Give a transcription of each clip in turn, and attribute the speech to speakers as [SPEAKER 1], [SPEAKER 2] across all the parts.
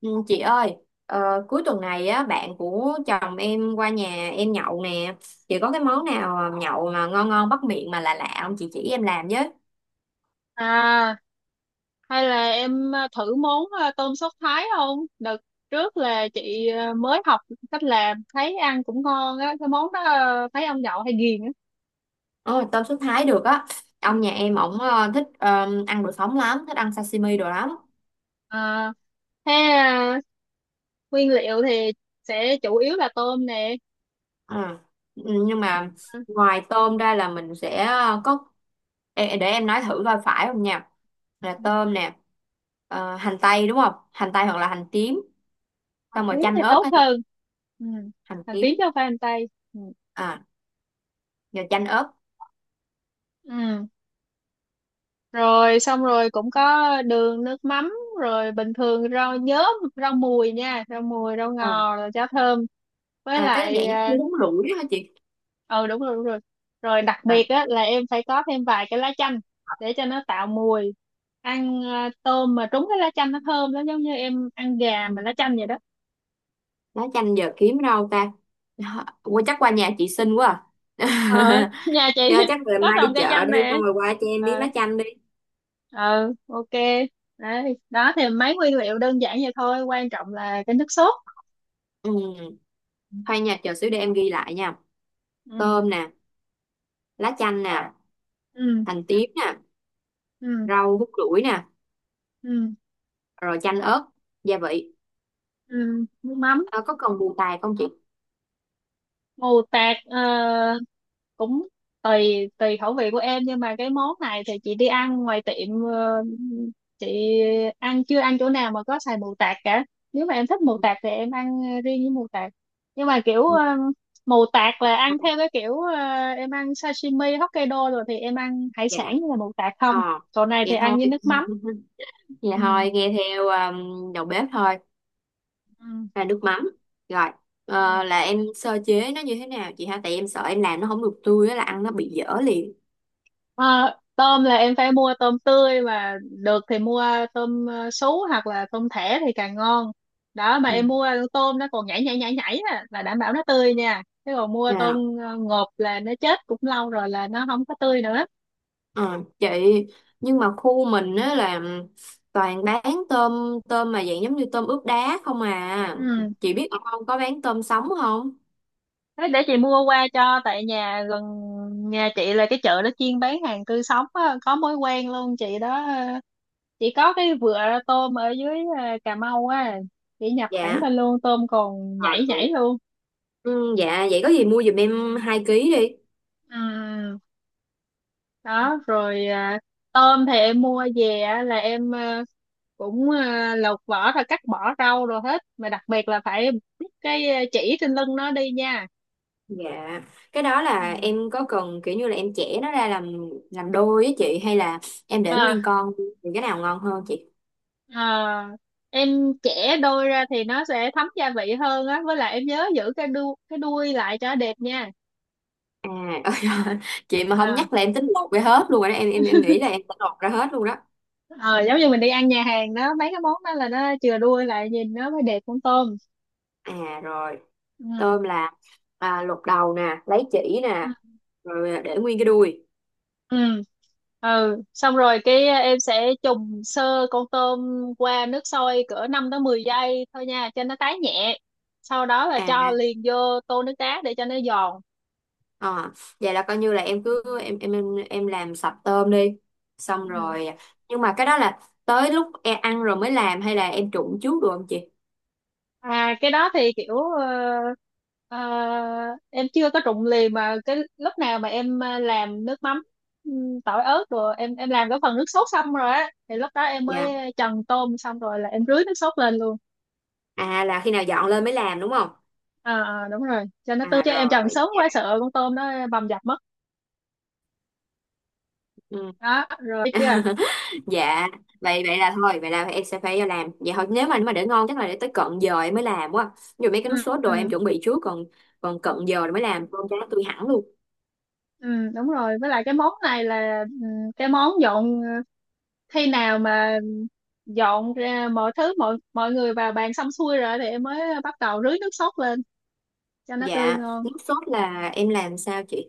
[SPEAKER 1] Ừ, chị ơi, cuối tuần này á bạn của chồng em qua nhà em nhậu nè. Chị có cái
[SPEAKER 2] Ừ.
[SPEAKER 1] món nào mà nhậu mà ngon ngon bắt miệng mà lạ lạ không, chị chỉ em làm với.
[SPEAKER 2] À, hay là em thử món tôm sốt Thái không? Đợt trước là chị mới học cách làm, thấy ăn cũng ngon á, cái món đó thấy ông nhậu hay ghiền á.
[SPEAKER 1] Ồ, tôm sốt Thái được á.
[SPEAKER 2] Ừ.
[SPEAKER 1] Ông nhà em ổng thích ăn đồ sống lắm, thích ăn sashimi đồ lắm.
[SPEAKER 2] À, thế à, nguyên liệu thì sẽ chủ yếu là tôm nè.
[SPEAKER 1] Ờ. Ừ, nhưng
[SPEAKER 2] Em
[SPEAKER 1] mà
[SPEAKER 2] à,
[SPEAKER 1] ngoài
[SPEAKER 2] ừ,
[SPEAKER 1] tôm ra là mình sẽ có. Ê, để em nói thử coi phải không nha. Là
[SPEAKER 2] ừ.
[SPEAKER 1] tôm nè, hành tây đúng không? Hành tây hoặc là hành tím,
[SPEAKER 2] Hành
[SPEAKER 1] xong rồi
[SPEAKER 2] tím
[SPEAKER 1] chanh
[SPEAKER 2] thì
[SPEAKER 1] ớt
[SPEAKER 2] tốt
[SPEAKER 1] á chị,
[SPEAKER 2] hơn. Ừ.
[SPEAKER 1] hành
[SPEAKER 2] Hành tím
[SPEAKER 1] tím.
[SPEAKER 2] cho pha hành tây. Ừ.
[SPEAKER 1] À, rồi chanh ớt.
[SPEAKER 2] Ừ. Rồi xong rồi cũng có đường nước mắm rồi bình thường rau nhớm rau mùi nha rau mùi rau
[SPEAKER 1] À,
[SPEAKER 2] ngò rồi cháo thơm với
[SPEAKER 1] à, cái
[SPEAKER 2] lại
[SPEAKER 1] dạng giống như bún rủi đó hả chị?
[SPEAKER 2] ờ đúng rồi rồi đặc biệt
[SPEAKER 1] À,
[SPEAKER 2] á là em phải có thêm vài cái lá chanh để cho nó tạo mùi ăn tôm mà trúng cái lá chanh nó thơm lắm, giống như em ăn gà
[SPEAKER 1] ừ.
[SPEAKER 2] mà lá chanh vậy đó.
[SPEAKER 1] Lá chanh giờ kiếm đâu ta? Hả, qua chắc qua nhà chị xinh quá
[SPEAKER 2] Ờ
[SPEAKER 1] à.
[SPEAKER 2] Nhà chị
[SPEAKER 1] Do chắc về
[SPEAKER 2] có
[SPEAKER 1] mai đi
[SPEAKER 2] trồng cây
[SPEAKER 1] chợ
[SPEAKER 2] chanh
[SPEAKER 1] đi
[SPEAKER 2] nè.
[SPEAKER 1] xong rồi qua cho em miếng
[SPEAKER 2] Ờ,
[SPEAKER 1] lá chanh đi.
[SPEAKER 2] ờ, ok. Đấy đó thì mấy nguyên liệu đơn giản vậy thôi, quan trọng là cái nước sốt.
[SPEAKER 1] Ừ. Thôi nha, chờ xíu để em ghi lại nha.
[SPEAKER 2] Ừ.
[SPEAKER 1] Tôm nè. Lá chanh nè.
[SPEAKER 2] Ừ.
[SPEAKER 1] Hành tím nè.
[SPEAKER 2] Ừ.
[SPEAKER 1] Rau hút lủi nè.
[SPEAKER 2] Ừ.
[SPEAKER 1] Rồi chanh ớt. Gia vị.
[SPEAKER 2] Ừ. Nước mắm
[SPEAKER 1] Ờ, có cần bù tài không chị?
[SPEAKER 2] mù tạt cũng tùy tùy khẩu vị của em, nhưng mà cái món này thì chị đi ăn ngoài tiệm, chị chưa ăn chỗ nào mà có xài mù tạt cả. Nếu mà em thích mù
[SPEAKER 1] Ừ,
[SPEAKER 2] tạt thì em ăn riêng với mù tạt, nhưng mà kiểu,
[SPEAKER 1] ừ,
[SPEAKER 2] mù tạt là ăn theo cái kiểu, em ăn sashimi Hokkaido rồi thì em ăn hải
[SPEAKER 1] dạ,
[SPEAKER 2] sản như là mù tạt không.
[SPEAKER 1] ờ
[SPEAKER 2] Chỗ này thì
[SPEAKER 1] vậy
[SPEAKER 2] ăn
[SPEAKER 1] thôi.
[SPEAKER 2] với nước mắm.
[SPEAKER 1] Vậy
[SPEAKER 2] Ừ.
[SPEAKER 1] thôi, nghe theo đầu bếp thôi.
[SPEAKER 2] Ừ.
[SPEAKER 1] Là nước mắm. Rồi.
[SPEAKER 2] Ừ.
[SPEAKER 1] Là em sơ chế nó như thế nào chị ha? Tại em sợ em làm nó không được tươi á là ăn nó bị dở liền.
[SPEAKER 2] À, tôm là em phải mua tôm tươi, mà được thì mua tôm, sú hoặc là tôm thẻ thì càng ngon. Đó mà
[SPEAKER 1] Ừ.
[SPEAKER 2] em mua tôm nó còn nhảy nhảy nhảy nhảy á, là đảm bảo nó tươi nha, chứ còn mua tôm
[SPEAKER 1] À,
[SPEAKER 2] ngộp là nó chết cũng lâu rồi, là nó không có tươi nữa.
[SPEAKER 1] ờ, chị, nhưng mà khu mình á là toàn bán tôm tôm mà dạng giống như tôm ướp đá không à.
[SPEAKER 2] Ừ.
[SPEAKER 1] Chị biết ở không có bán tôm sống không?
[SPEAKER 2] Thế để chị mua qua cho, tại nhà gần nhà chị là cái chợ nó chuyên bán hàng tươi sống á, có mối quen luôn chị đó, chị có cái vựa tôm ở dưới, Cà Mau á, chị nhập thẳng
[SPEAKER 1] Dạ.
[SPEAKER 2] lên luôn, tôm còn
[SPEAKER 1] Ờ,
[SPEAKER 2] nhảy
[SPEAKER 1] được.
[SPEAKER 2] nhảy luôn.
[SPEAKER 1] Ừ, dạ, vậy có gì mua giùm em 2 ký đi.
[SPEAKER 2] Ừ. Đó rồi. Tôm thì em mua về á, là em, cũng lột vỏ rồi cắt bỏ rau rồi hết, mà đặc biệt là phải bứt cái, chỉ trên lưng nó đi nha.
[SPEAKER 1] Dạ. Cái đó là
[SPEAKER 2] Ừ.
[SPEAKER 1] em có cần kiểu như là em chẻ nó ra làm đôi á chị, hay là em để
[SPEAKER 2] à,
[SPEAKER 1] nguyên con thì cái nào ngon hơn chị?
[SPEAKER 2] à, em chẻ đôi ra thì nó sẽ thấm gia vị hơn á, với lại em nhớ giữ cái đuôi lại cho đẹp nha.
[SPEAKER 1] À. Ôi giời, chị mà không
[SPEAKER 2] à,
[SPEAKER 1] nhắc là em tính lột ra hết luôn rồi đó. Em nghĩ là em sẽ lột ra hết luôn đó.
[SPEAKER 2] ờ, Giống như mình đi ăn nhà hàng đó, mấy cái món đó là nó chừa đuôi lại, nhìn nó mới đẹp con tôm.
[SPEAKER 1] À rồi.
[SPEAKER 2] Ừ.
[SPEAKER 1] Tôm là, à, lột đầu nè, lấy chỉ nè, rồi à, để nguyên cái đuôi.
[SPEAKER 2] Ừ. Ừ, xong rồi cái, em sẽ trùng sơ con tôm qua nước sôi cỡ 5 tới 10 giây thôi nha, cho nó tái nhẹ, sau đó là
[SPEAKER 1] À.
[SPEAKER 2] cho liền vô tô nước đá để cho nó giòn.
[SPEAKER 1] ờ, Vậy là coi như là em cứ em làm sạch tôm đi, xong
[SPEAKER 2] Ừ.
[SPEAKER 1] rồi à, nhưng mà cái đó là tới lúc em ăn rồi mới làm, hay là em trụng trước được không chị?
[SPEAKER 2] Cái đó thì kiểu, ờ, em chưa có trụng liền, mà cái lúc nào mà em làm nước mắm, ừ, tỏi ớt, rồi em làm cái phần nước sốt xong rồi á, thì lúc đó em
[SPEAKER 1] Dạ.
[SPEAKER 2] mới trần tôm, xong rồi là em rưới nước sốt lên luôn.
[SPEAKER 1] À, là khi nào dọn lên mới làm đúng không?
[SPEAKER 2] À, đúng rồi, cho nó tươi,
[SPEAKER 1] À
[SPEAKER 2] chứ em trần
[SPEAKER 1] rồi.
[SPEAKER 2] sớm quá sợ con tôm nó bầm dập mất.
[SPEAKER 1] Ừ.
[SPEAKER 2] Đó rồi biết chưa.
[SPEAKER 1] Dạ. Vậy vậy là thôi, vậy là em sẽ phải làm vậy thôi, nếu mà để ngon chắc là để tới cận giờ em mới làm quá. Dù mấy cái nước
[SPEAKER 2] Ừ,
[SPEAKER 1] sốt đồ em
[SPEAKER 2] ừ,
[SPEAKER 1] chuẩn bị trước, còn còn cận giờ rồi mới làm con cá tươi hẳn luôn.
[SPEAKER 2] ừ, đúng rồi. Với lại cái món này là, cái món dọn, khi nào mà dọn ra mọi thứ mọi mọi người vào bàn xong xuôi rồi thì em mới bắt đầu rưới nước sốt lên cho nó tươi
[SPEAKER 1] Dạ,
[SPEAKER 2] ngon.
[SPEAKER 1] nước sốt là em làm sao chị?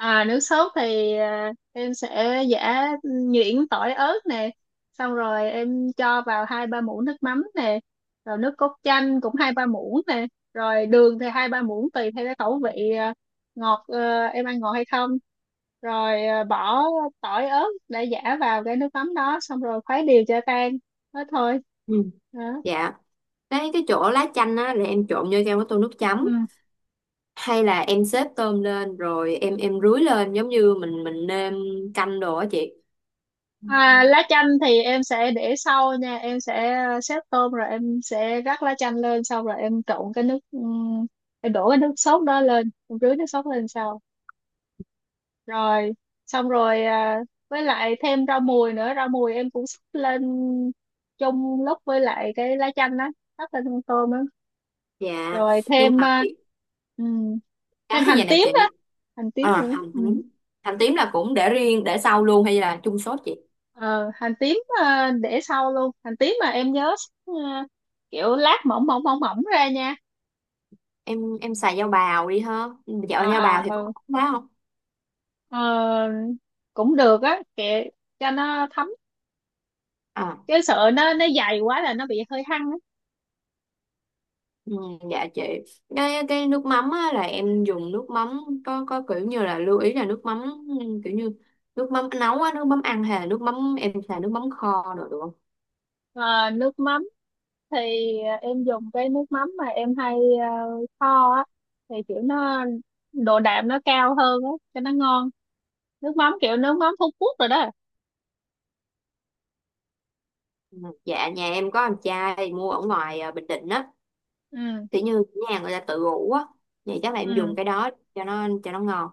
[SPEAKER 2] À, nước sốt thì, em sẽ giã nhuyễn tỏi ớt nè, xong rồi em cho vào 2-3 muỗng nước mắm nè, rồi nước cốt chanh cũng 2-3 muỗng nè, rồi đường thì 2-3 muỗng tùy theo cái khẩu vị, ngọt, em ăn ngọt hay không, rồi, bỏ tỏi ớt để giã vào cái nước mắm đó xong rồi khuấy đều cho tan thế thôi.
[SPEAKER 1] Ừ.
[SPEAKER 2] Đó.
[SPEAKER 1] Dạ. Cái chỗ lá chanh á là em trộn vô trong cái tô nước
[SPEAKER 2] Ừ.
[SPEAKER 1] chấm, hay là em xếp tôm lên rồi em rưới lên giống như mình nêm canh đồ á chị?
[SPEAKER 2] À, lá chanh thì em sẽ để sau nha, em sẽ, xếp tôm rồi em sẽ rắc lá chanh lên, xong rồi em trộn cái nước, em đổ cái nước sốt đó lên, em rưới nước sốt lên sau. Rồi xong rồi, với lại thêm rau mùi nữa, rau mùi em cũng xúc lên chung lúc với lại cái lá chanh đó, rắc lên con tôm đó.
[SPEAKER 1] Dạ.
[SPEAKER 2] Rồi
[SPEAKER 1] Nhưng mà cái
[SPEAKER 2] ừm,
[SPEAKER 1] cái
[SPEAKER 2] thêm hành
[SPEAKER 1] vậy nè
[SPEAKER 2] tím
[SPEAKER 1] chị.
[SPEAKER 2] đó, hành tím
[SPEAKER 1] À,
[SPEAKER 2] nữa.
[SPEAKER 1] hành
[SPEAKER 2] Ừ.
[SPEAKER 1] tím. Hành tím là cũng để riêng để sau luôn hay là chung sốt chị?
[SPEAKER 2] ờ Hành tím, để sau luôn. Hành tím mà em nhớ, ờ, kiểu lát mỏng mỏng mỏng mỏng ra nha.
[SPEAKER 1] Em xài dao bào đi ha? Ừ, dạo dao bào thì có
[SPEAKER 2] Ừ.
[SPEAKER 1] ngon quá không?
[SPEAKER 2] Ờ, cũng được á, kệ cho nó thấm,
[SPEAKER 1] À,
[SPEAKER 2] chứ sợ nó dày quá là nó bị hơi hăng á.
[SPEAKER 1] ừ, dạ chị. Cái nước mắm á, là em dùng nước mắm có kiểu như là lưu ý là nước mắm, ừ, kiểu như nước mắm nấu á, nước mắm ăn, hay là nước mắm em xài nước mắm kho rồi được không?
[SPEAKER 2] Ờ, nước mắm thì em dùng cái nước mắm mà em hay, ờ, kho á, thì kiểu nó độ đạm nó cao hơn á cho nó ngon, nước mắm kiểu nước mắm Phú Quốc rồi đó.
[SPEAKER 1] Ừ, dạ nhà em có em trai mua ở ngoài à, Bình Định á,
[SPEAKER 2] Ừ.
[SPEAKER 1] kiểu như nhà người ta tự ủ á, vậy chắc là em dùng
[SPEAKER 2] Ừ.
[SPEAKER 1] cái đó cho nó ngon.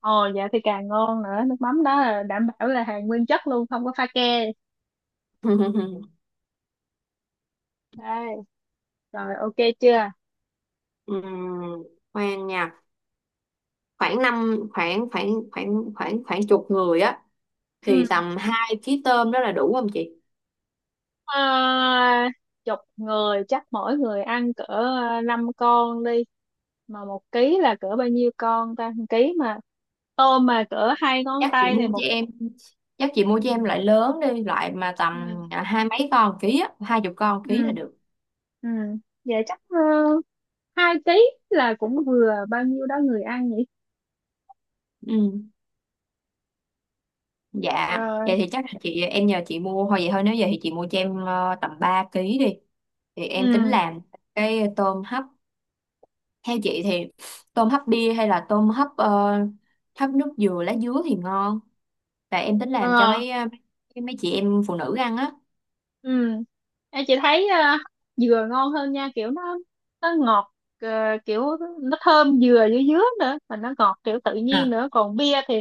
[SPEAKER 2] Ồ, dạ thì càng ngon nữa, nước mắm đó là đảm bảo là hàng nguyên chất luôn, không có pha ke. Đây rồi, ok chưa.
[SPEAKER 1] Ừm, khoan nha. Khoảng năm khoảng khoảng khoảng khoảng khoảng chục người á, thì
[SPEAKER 2] Ừ.
[SPEAKER 1] tầm 2 ký tôm đó là đủ không chị?
[SPEAKER 2] à, Chục người chắc mỗi người ăn cỡ, 5 con đi. Mà 1 ký là cỡ bao nhiêu con ta, 1 ký mà tôm mà cỡ hai ngón
[SPEAKER 1] Chắc chị
[SPEAKER 2] tay thì
[SPEAKER 1] mua
[SPEAKER 2] một.
[SPEAKER 1] cho em chắc chị mua
[SPEAKER 2] Ừ.
[SPEAKER 1] cho em loại lớn đi, loại mà tầm
[SPEAKER 2] Ừ.
[SPEAKER 1] à, hai mấy con ký á, 20 con ký là
[SPEAKER 2] Ừ.
[SPEAKER 1] được.
[SPEAKER 2] Ừ. Vậy chắc, 2 ký là cũng vừa bao nhiêu đó người ăn nhỉ.
[SPEAKER 1] Ừ. Dạ.
[SPEAKER 2] Rồi.
[SPEAKER 1] Vậy thì chắc là chị, em nhờ chị mua thôi, vậy thôi, nếu vậy thì chị mua cho em tầm 3 ký đi, thì em tính
[SPEAKER 2] Ừ.
[SPEAKER 1] làm cái tôm hấp. Theo chị thì tôm hấp bia hay là tôm hấp hấp nước dừa lá dứa thì ngon? Tại em tính làm cho
[SPEAKER 2] Ờ.
[SPEAKER 1] mấy mấy mấy chị em phụ nữ ăn á.
[SPEAKER 2] Ừ. Em, chị thấy, dừa ngon hơn nha, kiểu nó ngọt, ờ, kiểu nó thơm dừa dưới dứa nữa mà nó ngọt kiểu tự nhiên
[SPEAKER 1] À.
[SPEAKER 2] nữa, còn bia thì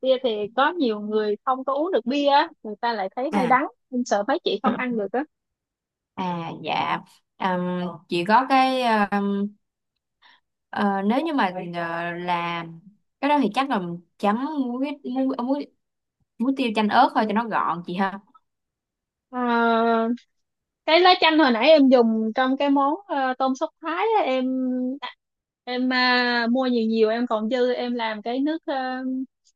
[SPEAKER 2] bia thì có nhiều người không có uống được bia á, người ta lại thấy hơi đắng, em sợ mấy chị không
[SPEAKER 1] À.
[SPEAKER 2] ăn được á.
[SPEAKER 1] À dạ. Ừm, chị có cái, ừm, ờ, nếu như mà làm cái đó thì chắc là chấm muối, muối, muối tiêu chanh ớt thôi cho nó gọn chị ha.
[SPEAKER 2] Ờ, cái lá chanh hồi nãy em dùng trong cái món, tôm sốt Thái á, em, mua nhiều nhiều em còn dư, em làm cái nước,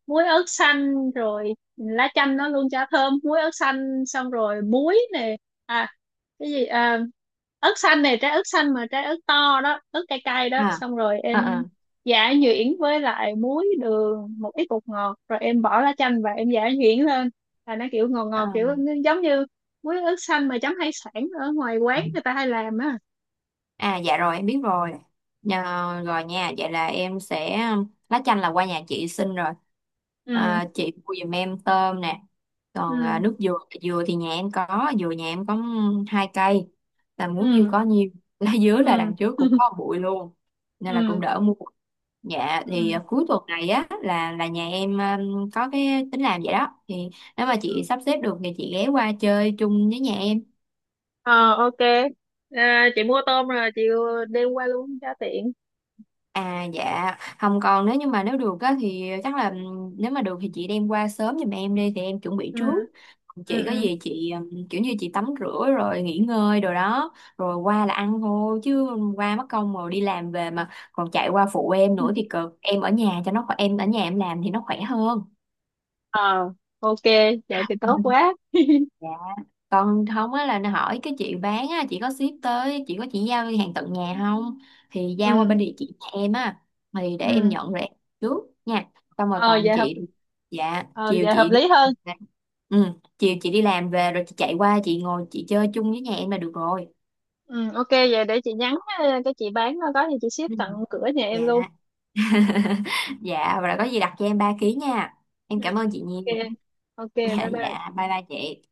[SPEAKER 2] muối ớt xanh, rồi lá chanh nó luôn chả thơm muối ớt xanh, xong rồi muối nè. à cái gì à, Ớt xanh này, trái ớt xanh mà trái ớt to đó, ớt cay cay đó,
[SPEAKER 1] À,
[SPEAKER 2] xong rồi
[SPEAKER 1] à,
[SPEAKER 2] em
[SPEAKER 1] à,
[SPEAKER 2] giả nhuyễn với lại muối đường một ít bột ngọt, rồi em bỏ lá chanh và em giả nhuyễn lên là nó kiểu ngọt ngọt, kiểu
[SPEAKER 1] à.
[SPEAKER 2] nó giống như muối ớt xanh mà chấm hải sản ở ngoài quán người ta hay làm á.
[SPEAKER 1] À dạ rồi em biết rồi. Nhờ, rồi nha, vậy là em sẽ lá chanh là qua nhà chị xin rồi.
[SPEAKER 2] Ừ.
[SPEAKER 1] À, chị mua giùm em tôm nè. Còn à,
[SPEAKER 2] Ừ.
[SPEAKER 1] nước dừa, dừa thì nhà em có, dừa nhà em có hai cây. Là muốn nhiêu
[SPEAKER 2] Ừ.
[SPEAKER 1] có nhiêu. Lá dứa là
[SPEAKER 2] Ừ.
[SPEAKER 1] đằng trước cũng có bụi luôn. Nên là cũng
[SPEAKER 2] Ừ.
[SPEAKER 1] đỡ mua. Dạ thì
[SPEAKER 2] Ừ.
[SPEAKER 1] à, cuối tuần này á là nhà em có cái tính làm vậy đó. Thì nếu mà chị sắp xếp được thì chị ghé qua chơi chung với nhà em.
[SPEAKER 2] Ờ, ok. À, chị mua tôm rồi chị đem qua luôn cho tiện.
[SPEAKER 1] À dạ, không, còn nếu như mà nếu được á thì chắc là nếu mà được thì chị đem qua sớm giùm em đi thì em chuẩn bị
[SPEAKER 2] Ừ.
[SPEAKER 1] trước. Còn
[SPEAKER 2] Ừ.
[SPEAKER 1] chị có gì chị kiểu như chị tắm rửa rồi nghỉ ngơi rồi đó, rồi qua là ăn thôi chứ. Qua mất công rồi đi làm về mà còn chạy qua phụ em
[SPEAKER 2] Ừ.
[SPEAKER 1] nữa thì cực. Em ở nhà cho nó khỏe, em ở nhà em làm thì nó khỏe hơn.
[SPEAKER 2] Ờ, ok, vậy thì tốt quá.
[SPEAKER 1] Còn không á là nó hỏi cái chị bán á, chị có ship tới, chị có, chị giao hàng tận nhà không, thì giao
[SPEAKER 2] Ừ.
[SPEAKER 1] qua bên địa chỉ nhà em á, thì để em
[SPEAKER 2] Ừ.
[SPEAKER 1] nhận rồi em trước nha. Xong rồi
[SPEAKER 2] ờ
[SPEAKER 1] còn
[SPEAKER 2] vậy hợp
[SPEAKER 1] chị dạ
[SPEAKER 2] ờ,
[SPEAKER 1] chiều
[SPEAKER 2] vậy hợp
[SPEAKER 1] chị đi
[SPEAKER 2] lý
[SPEAKER 1] làm
[SPEAKER 2] hơn.
[SPEAKER 1] về. Ừ, chiều chị đi làm về rồi chị chạy qua, chị ngồi chị chơi chung với nhà em là được rồi.
[SPEAKER 2] Ừ, ok, vậy để chị nhắn, cái chị bán nó có thì chị ship
[SPEAKER 1] Ừ.
[SPEAKER 2] tận cửa nhà
[SPEAKER 1] Dạ.
[SPEAKER 2] em luôn.
[SPEAKER 1] Dạ và có gì đặt cho em 3 ký nha. Em
[SPEAKER 2] Ừ,
[SPEAKER 1] cảm ơn chị
[SPEAKER 2] ok
[SPEAKER 1] nhiều.
[SPEAKER 2] ok
[SPEAKER 1] Dạ,
[SPEAKER 2] bye bye
[SPEAKER 1] dạ, bye bye chị.